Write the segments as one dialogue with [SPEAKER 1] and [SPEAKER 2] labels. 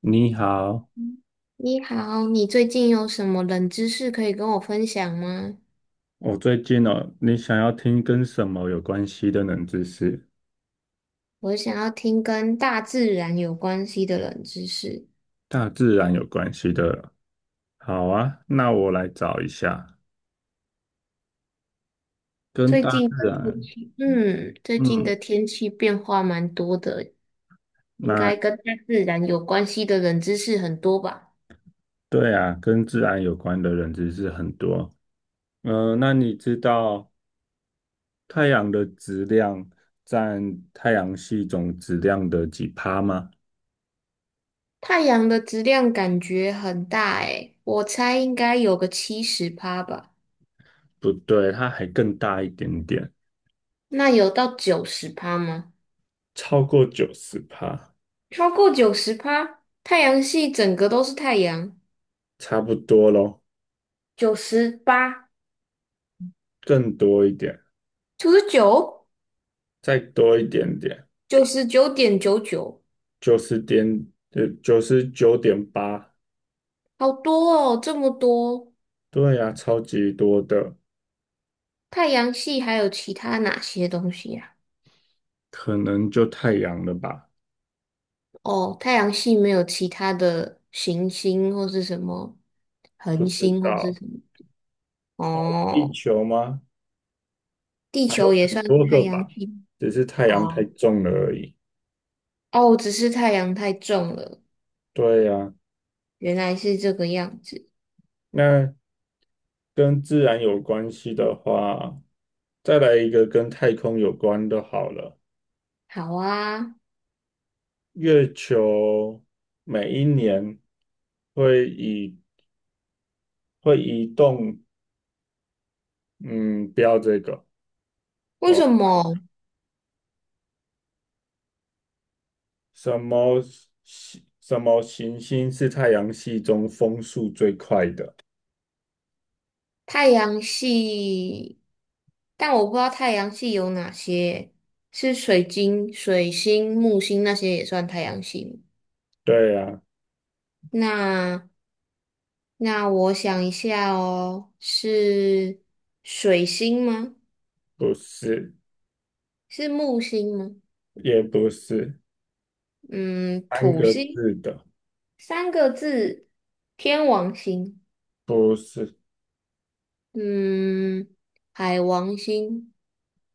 [SPEAKER 1] 你好。
[SPEAKER 2] 你好，你最近有什么冷知识可以跟我分享吗？
[SPEAKER 1] 我最近哦，你想要听跟什么有关系的冷知识？
[SPEAKER 2] 我想要听跟大自然有关系的冷知识。
[SPEAKER 1] 大自然有关系的。好啊，那我来找一下跟
[SPEAKER 2] 最
[SPEAKER 1] 大
[SPEAKER 2] 近
[SPEAKER 1] 自
[SPEAKER 2] 的天
[SPEAKER 1] 然。
[SPEAKER 2] 气，最近的
[SPEAKER 1] 嗯，
[SPEAKER 2] 天气变化蛮多的，应
[SPEAKER 1] 那
[SPEAKER 2] 该跟大自然有关系的冷知识很多吧？
[SPEAKER 1] 对啊，跟自然有关的冷知识很多。嗯、那你知道太阳的质量占太阳系总质量的几趴吗？
[SPEAKER 2] 太阳的质量感觉很大诶，我猜应该有个70%吧？
[SPEAKER 1] 不对，它还更大一点点，
[SPEAKER 2] 那有到九十趴吗？
[SPEAKER 1] 超过90%，
[SPEAKER 2] 超过九十趴，太阳系整个都是太阳，
[SPEAKER 1] 差不多咯，
[SPEAKER 2] 98。
[SPEAKER 1] 更多一点。
[SPEAKER 2] 九十九，
[SPEAKER 1] 再多一点点，
[SPEAKER 2] 99.99，
[SPEAKER 1] 九十点，99.8。
[SPEAKER 2] 好多哦，这么多。
[SPEAKER 1] 对呀、超级多的，
[SPEAKER 2] 太阳系还有其他哪些东西呀、
[SPEAKER 1] 可能就太阳了吧？
[SPEAKER 2] 哦，太阳系没有其他的行星或是什么
[SPEAKER 1] 不
[SPEAKER 2] 恒
[SPEAKER 1] 知
[SPEAKER 2] 星或是
[SPEAKER 1] 道，
[SPEAKER 2] 什么。
[SPEAKER 1] 地
[SPEAKER 2] 哦，
[SPEAKER 1] 球吗？
[SPEAKER 2] 地
[SPEAKER 1] 还
[SPEAKER 2] 球
[SPEAKER 1] 有
[SPEAKER 2] 也
[SPEAKER 1] 很
[SPEAKER 2] 算是
[SPEAKER 1] 多
[SPEAKER 2] 太
[SPEAKER 1] 个
[SPEAKER 2] 阳
[SPEAKER 1] 吧，
[SPEAKER 2] 系
[SPEAKER 1] 只是太阳太
[SPEAKER 2] 哦。
[SPEAKER 1] 重了而已。
[SPEAKER 2] 哦，只是太阳太重了，
[SPEAKER 1] 对呀、
[SPEAKER 2] 原来是这个样子。
[SPEAKER 1] 那跟自然有关系的话，再来一个跟太空有关的好了。
[SPEAKER 2] 好啊，
[SPEAKER 1] 月球每一年会移会移动，嗯，不要这个。
[SPEAKER 2] 为
[SPEAKER 1] 我
[SPEAKER 2] 什么？
[SPEAKER 1] 什么系什么行星是太阳系中风速最快的？
[SPEAKER 2] 太阳系，但我不知道太阳系有哪些，是水晶、水星、木星那些也算太阳系吗？
[SPEAKER 1] 对啊，
[SPEAKER 2] 那那我想一下哦，是水星吗？
[SPEAKER 1] 不是，
[SPEAKER 2] 是木星吗？
[SPEAKER 1] 也不是，
[SPEAKER 2] 嗯，
[SPEAKER 1] 三
[SPEAKER 2] 土
[SPEAKER 1] 个
[SPEAKER 2] 星，
[SPEAKER 1] 字的，
[SPEAKER 2] 三个字，天王星，
[SPEAKER 1] 不是。
[SPEAKER 2] 嗯，海王星，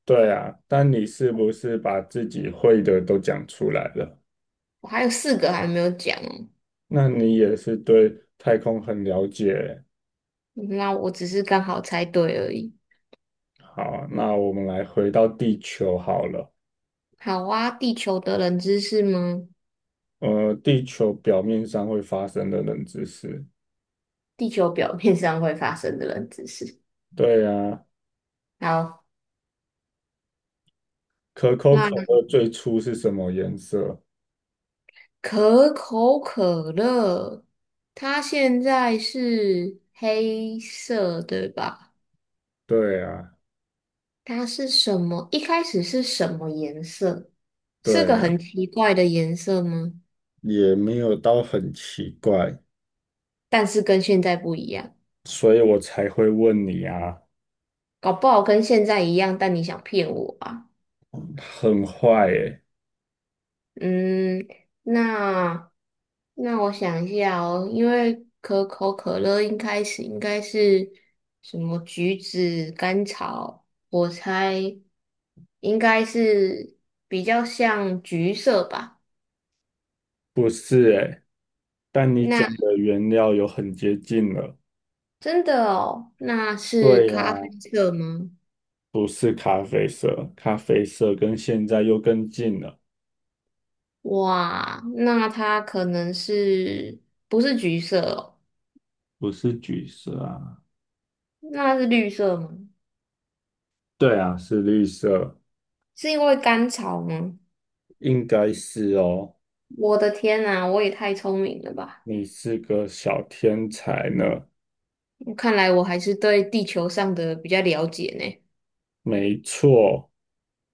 [SPEAKER 1] 对啊，但你是不是把自己会的都讲出来了？
[SPEAKER 2] 我还有四个还没有讲哦，
[SPEAKER 1] 那你也是对太空很了解。
[SPEAKER 2] 那我只是刚好猜对而已。
[SPEAKER 1] 好，那我们来回到地球好了。
[SPEAKER 2] 好啊，地球的冷知识吗？
[SPEAKER 1] 地球表面上会发生的冷知识。
[SPEAKER 2] 地球表面上会发生的冷知识。
[SPEAKER 1] 对啊，
[SPEAKER 2] 好，
[SPEAKER 1] 可口可
[SPEAKER 2] 那
[SPEAKER 1] 乐最初是什么颜色？
[SPEAKER 2] 可口可乐，它现在是黑色，对吧？
[SPEAKER 1] 对啊，
[SPEAKER 2] 它是什么？一开始是什么颜色？
[SPEAKER 1] 对
[SPEAKER 2] 是个
[SPEAKER 1] 呀，
[SPEAKER 2] 很奇怪的颜色吗？
[SPEAKER 1] 也没有到很奇怪，
[SPEAKER 2] 但是跟现在不一样，
[SPEAKER 1] 所以我才会问你啊，
[SPEAKER 2] 搞不好跟现在一样，但你想骗我啊？
[SPEAKER 1] 很坏诶，
[SPEAKER 2] 嗯，那那我想一下哦，因为可口可乐一开始应该是什么橘子、甘草，我猜应该是比较像橘色吧。
[SPEAKER 1] 不是诶，但你讲
[SPEAKER 2] 那
[SPEAKER 1] 的原料有很接近了。
[SPEAKER 2] 真的哦，那是
[SPEAKER 1] 对呀，
[SPEAKER 2] 咖啡色吗？
[SPEAKER 1] 不是咖啡色，咖啡色跟现在又更近了，
[SPEAKER 2] 哇，那它可能是不是橘色哦？
[SPEAKER 1] 不是橘色啊，
[SPEAKER 2] 那是绿色吗？
[SPEAKER 1] 对啊，是绿色，
[SPEAKER 2] 是因为甘草吗？
[SPEAKER 1] 应该是哦，
[SPEAKER 2] 我的天呐，我也太聪明了吧！
[SPEAKER 1] 你是个小天才呢，
[SPEAKER 2] 看来我还是对地球上的比较了解呢。
[SPEAKER 1] 没错。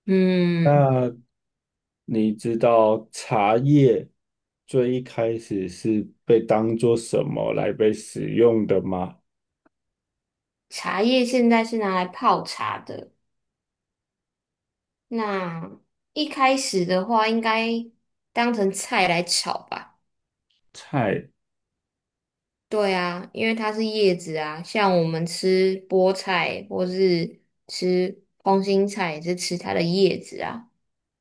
[SPEAKER 2] 嗯，
[SPEAKER 1] 那你知道茶叶最一开始是被当做什么来被使用的吗？
[SPEAKER 2] 茶叶现在是拿来泡茶的，那一开始的话应该当成菜来炒吧？
[SPEAKER 1] 菜，
[SPEAKER 2] 对啊，因为它是叶子啊，像我们吃菠菜或是吃空心菜也是吃它的叶子啊，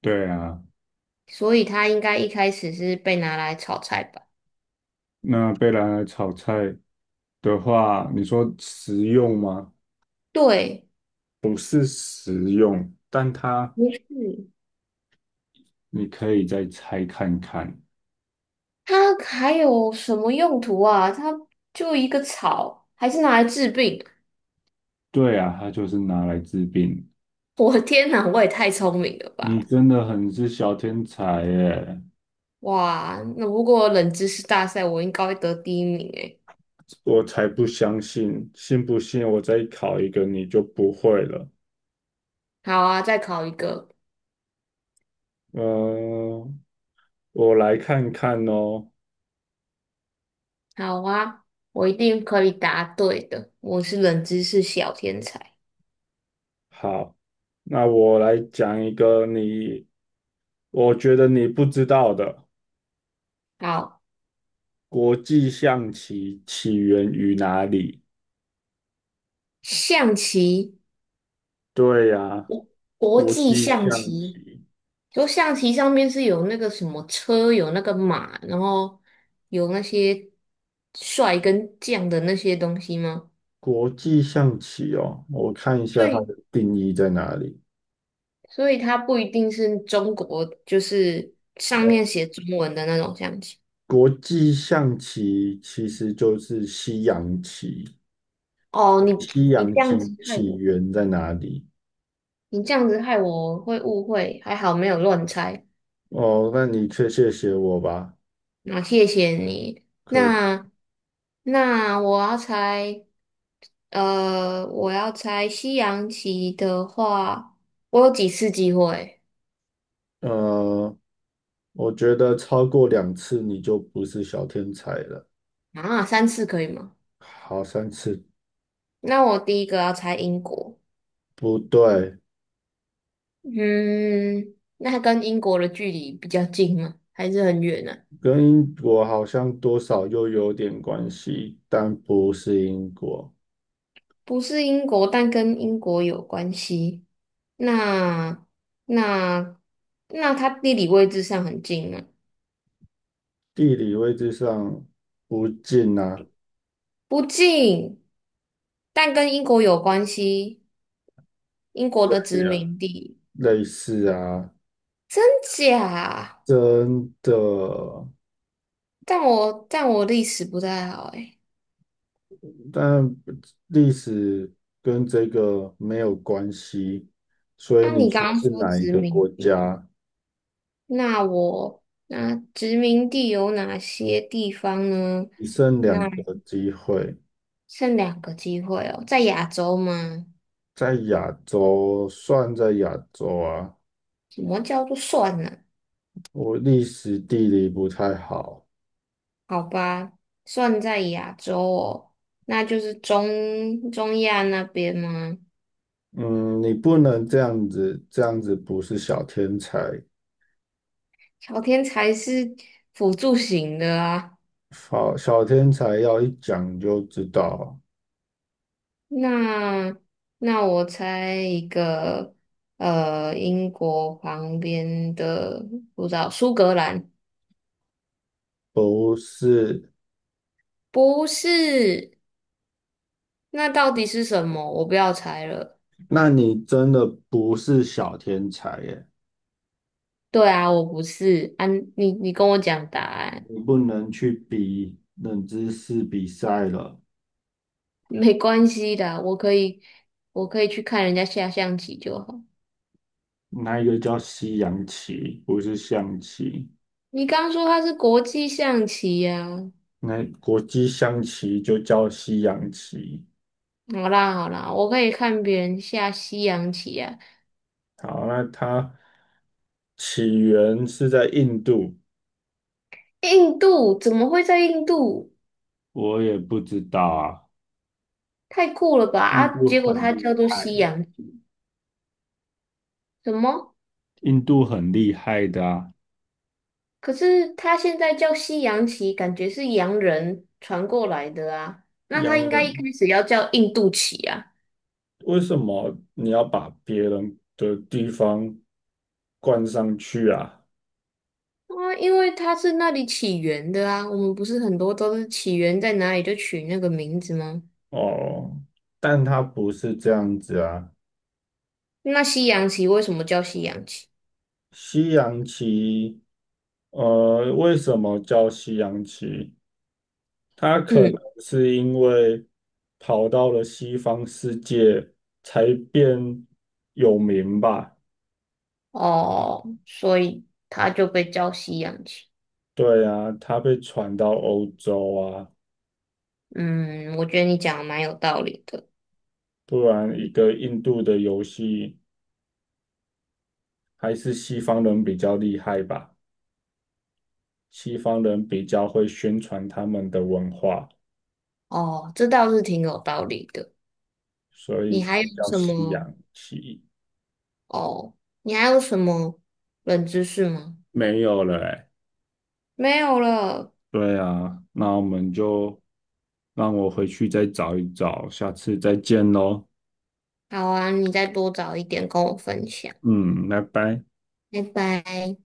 [SPEAKER 1] 对啊，
[SPEAKER 2] 所以它应该一开始是被拿来炒菜吧？
[SPEAKER 1] 那被拿来炒菜的话，你说食用吗？
[SPEAKER 2] 对，
[SPEAKER 1] 不是食用，但它
[SPEAKER 2] 不是。
[SPEAKER 1] 你可以再拆看看。
[SPEAKER 2] 它还有什么用途啊？它就一个草，还是拿来治病？
[SPEAKER 1] 对啊，它就是拿来治病。
[SPEAKER 2] 我的天哪，我也太聪明了吧！
[SPEAKER 1] 你真的很是小天才耶！
[SPEAKER 2] 哇，那如果冷知识大赛，我应该会得第一名诶。
[SPEAKER 1] 我才不相信，信不信我再考一个你就不会了。
[SPEAKER 2] 好啊，再考一个。
[SPEAKER 1] 嗯、我来看看哦。
[SPEAKER 2] 好啊，我一定可以答对的。我是冷知识小天才。
[SPEAKER 1] 好，那我来讲一个你，我觉得你不知道的，
[SPEAKER 2] 好，
[SPEAKER 1] 国际象棋起源于哪里？
[SPEAKER 2] 象棋，
[SPEAKER 1] 对呀，
[SPEAKER 2] 国
[SPEAKER 1] 国
[SPEAKER 2] 际
[SPEAKER 1] 际
[SPEAKER 2] 象
[SPEAKER 1] 象
[SPEAKER 2] 棋
[SPEAKER 1] 棋，
[SPEAKER 2] 就象棋上面是有那个什么车，有那个马，然后有那些帅跟将的那些东西吗？
[SPEAKER 1] 国际象棋哦，我看一
[SPEAKER 2] 所
[SPEAKER 1] 下它
[SPEAKER 2] 以，
[SPEAKER 1] 的定义在哪里。
[SPEAKER 2] 所以它不一定是中国，就是上
[SPEAKER 1] 哦，
[SPEAKER 2] 面写中文的那种象棋。
[SPEAKER 1] 国际象棋其实就是西洋棋，
[SPEAKER 2] 哦，
[SPEAKER 1] 所
[SPEAKER 2] 你
[SPEAKER 1] 以西
[SPEAKER 2] 你
[SPEAKER 1] 洋
[SPEAKER 2] 这样子
[SPEAKER 1] 棋
[SPEAKER 2] 害
[SPEAKER 1] 起
[SPEAKER 2] 我，
[SPEAKER 1] 源在哪里？
[SPEAKER 2] 你这样子害我会误会，还好没有乱猜。
[SPEAKER 1] 哦，那你确谢谢我吧。
[SPEAKER 2] 那谢谢你。
[SPEAKER 1] 可
[SPEAKER 2] 那我要猜，我要猜西洋棋的话，我有几次机会
[SPEAKER 1] 呃，我觉得超过2次你就不是小天才了。
[SPEAKER 2] 啊？三次可以吗？
[SPEAKER 1] 好，3次，
[SPEAKER 2] 那我第一个要猜英国，
[SPEAKER 1] 不对，
[SPEAKER 2] 嗯，那跟英国的距离比较近吗？还是很远呢？
[SPEAKER 1] 跟英国好像多少又有点关系，但不是英国。
[SPEAKER 2] 不是英国，但跟英国有关系。那那那它地理位置上很近吗？
[SPEAKER 1] 地理位置上不近啊，
[SPEAKER 2] 不近，但跟英国有关系，英国的殖
[SPEAKER 1] 对啊，
[SPEAKER 2] 民地，
[SPEAKER 1] 类似啊，
[SPEAKER 2] 真假？
[SPEAKER 1] 真的，
[SPEAKER 2] 但我历史不太好诶。
[SPEAKER 1] 但历史跟这个没有关系，所以
[SPEAKER 2] 那、
[SPEAKER 1] 你
[SPEAKER 2] 你刚
[SPEAKER 1] 说
[SPEAKER 2] 刚
[SPEAKER 1] 是
[SPEAKER 2] 说
[SPEAKER 1] 哪一
[SPEAKER 2] 殖
[SPEAKER 1] 个
[SPEAKER 2] 民
[SPEAKER 1] 国
[SPEAKER 2] 地，
[SPEAKER 1] 家？
[SPEAKER 2] 那我那殖民地有哪些地方呢？
[SPEAKER 1] 你剩
[SPEAKER 2] 那
[SPEAKER 1] 两个机会。
[SPEAKER 2] 剩两个机会哦，在亚洲吗？
[SPEAKER 1] 在亚洲，算在亚洲啊。
[SPEAKER 2] 什么叫做算呢、
[SPEAKER 1] 我历史地理不太好，
[SPEAKER 2] 好吧，算在亚洲哦，那就是中中亚那边吗？
[SPEAKER 1] 嗯，你不能这样子，这样子不是小天才。
[SPEAKER 2] 朝天才是辅助型的啊。
[SPEAKER 1] 好，小天才要一讲就知道，
[SPEAKER 2] 那那我猜一个，英国旁边的，不知道苏格兰
[SPEAKER 1] 不是。
[SPEAKER 2] 不是？那到底是什么？我不要猜了。
[SPEAKER 1] 那你真的不是小天才耶，
[SPEAKER 2] 对啊，我不是啊，你你跟我讲答案，
[SPEAKER 1] 你不能去比冷知识比赛了。
[SPEAKER 2] 没关系的，我可以去看人家下象棋就好。
[SPEAKER 1] 那一个叫西洋棋，不是象棋。
[SPEAKER 2] 你刚说它是国际象棋呀、啊
[SPEAKER 1] 那国际象棋就叫西洋棋。
[SPEAKER 2] 好啦好啦，我可以看别人下西洋棋呀、
[SPEAKER 1] 好，那它起源是在印度，
[SPEAKER 2] 印度怎么会在印度？
[SPEAKER 1] 我也不知道啊。
[SPEAKER 2] 太酷了吧！
[SPEAKER 1] 印
[SPEAKER 2] 啊，
[SPEAKER 1] 度
[SPEAKER 2] 结果
[SPEAKER 1] 很
[SPEAKER 2] 它
[SPEAKER 1] 厉
[SPEAKER 2] 叫做西
[SPEAKER 1] 害。
[SPEAKER 2] 洋棋，什么？
[SPEAKER 1] 印度很厉害的啊，
[SPEAKER 2] 可是它现在叫西洋棋，感觉是洋人传过来的啊。那它
[SPEAKER 1] 洋
[SPEAKER 2] 应该一开
[SPEAKER 1] 人，
[SPEAKER 2] 始要叫印度棋啊，
[SPEAKER 1] 为什么你要把别人的地方冠上去啊？
[SPEAKER 2] 啊，因为它是那里起源的啊。我们不是很多都是起源在哪里就取那个名字吗？
[SPEAKER 1] 哦，但它不是这样子啊。
[SPEAKER 2] 那西洋棋为什么叫西洋棋？
[SPEAKER 1] 西洋棋，为什么叫西洋棋？他可能
[SPEAKER 2] 嗯，
[SPEAKER 1] 是因为跑到了西方世界才变有名吧？
[SPEAKER 2] 哦，所以它就被叫西洋棋。
[SPEAKER 1] 对啊，他被传到欧洲啊，
[SPEAKER 2] 嗯，我觉得你讲的蛮有道理的。
[SPEAKER 1] 不然一个印度的游戏还是西方人比较厉害吧？西方人比较会宣传他们的文化，
[SPEAKER 2] 哦，这倒是挺有道理的。
[SPEAKER 1] 所以
[SPEAKER 2] 你还
[SPEAKER 1] 才
[SPEAKER 2] 有
[SPEAKER 1] 叫
[SPEAKER 2] 什
[SPEAKER 1] 西
[SPEAKER 2] 么？
[SPEAKER 1] 洋棋。
[SPEAKER 2] 哦，你还有什么冷知识吗？
[SPEAKER 1] 没有了欸。
[SPEAKER 2] 没有了。
[SPEAKER 1] 对啊，那我们就让我回去再找一找，下次再见喽。
[SPEAKER 2] 好啊，你再多找一点跟我分享。
[SPEAKER 1] 嗯，拜拜。
[SPEAKER 2] 拜拜。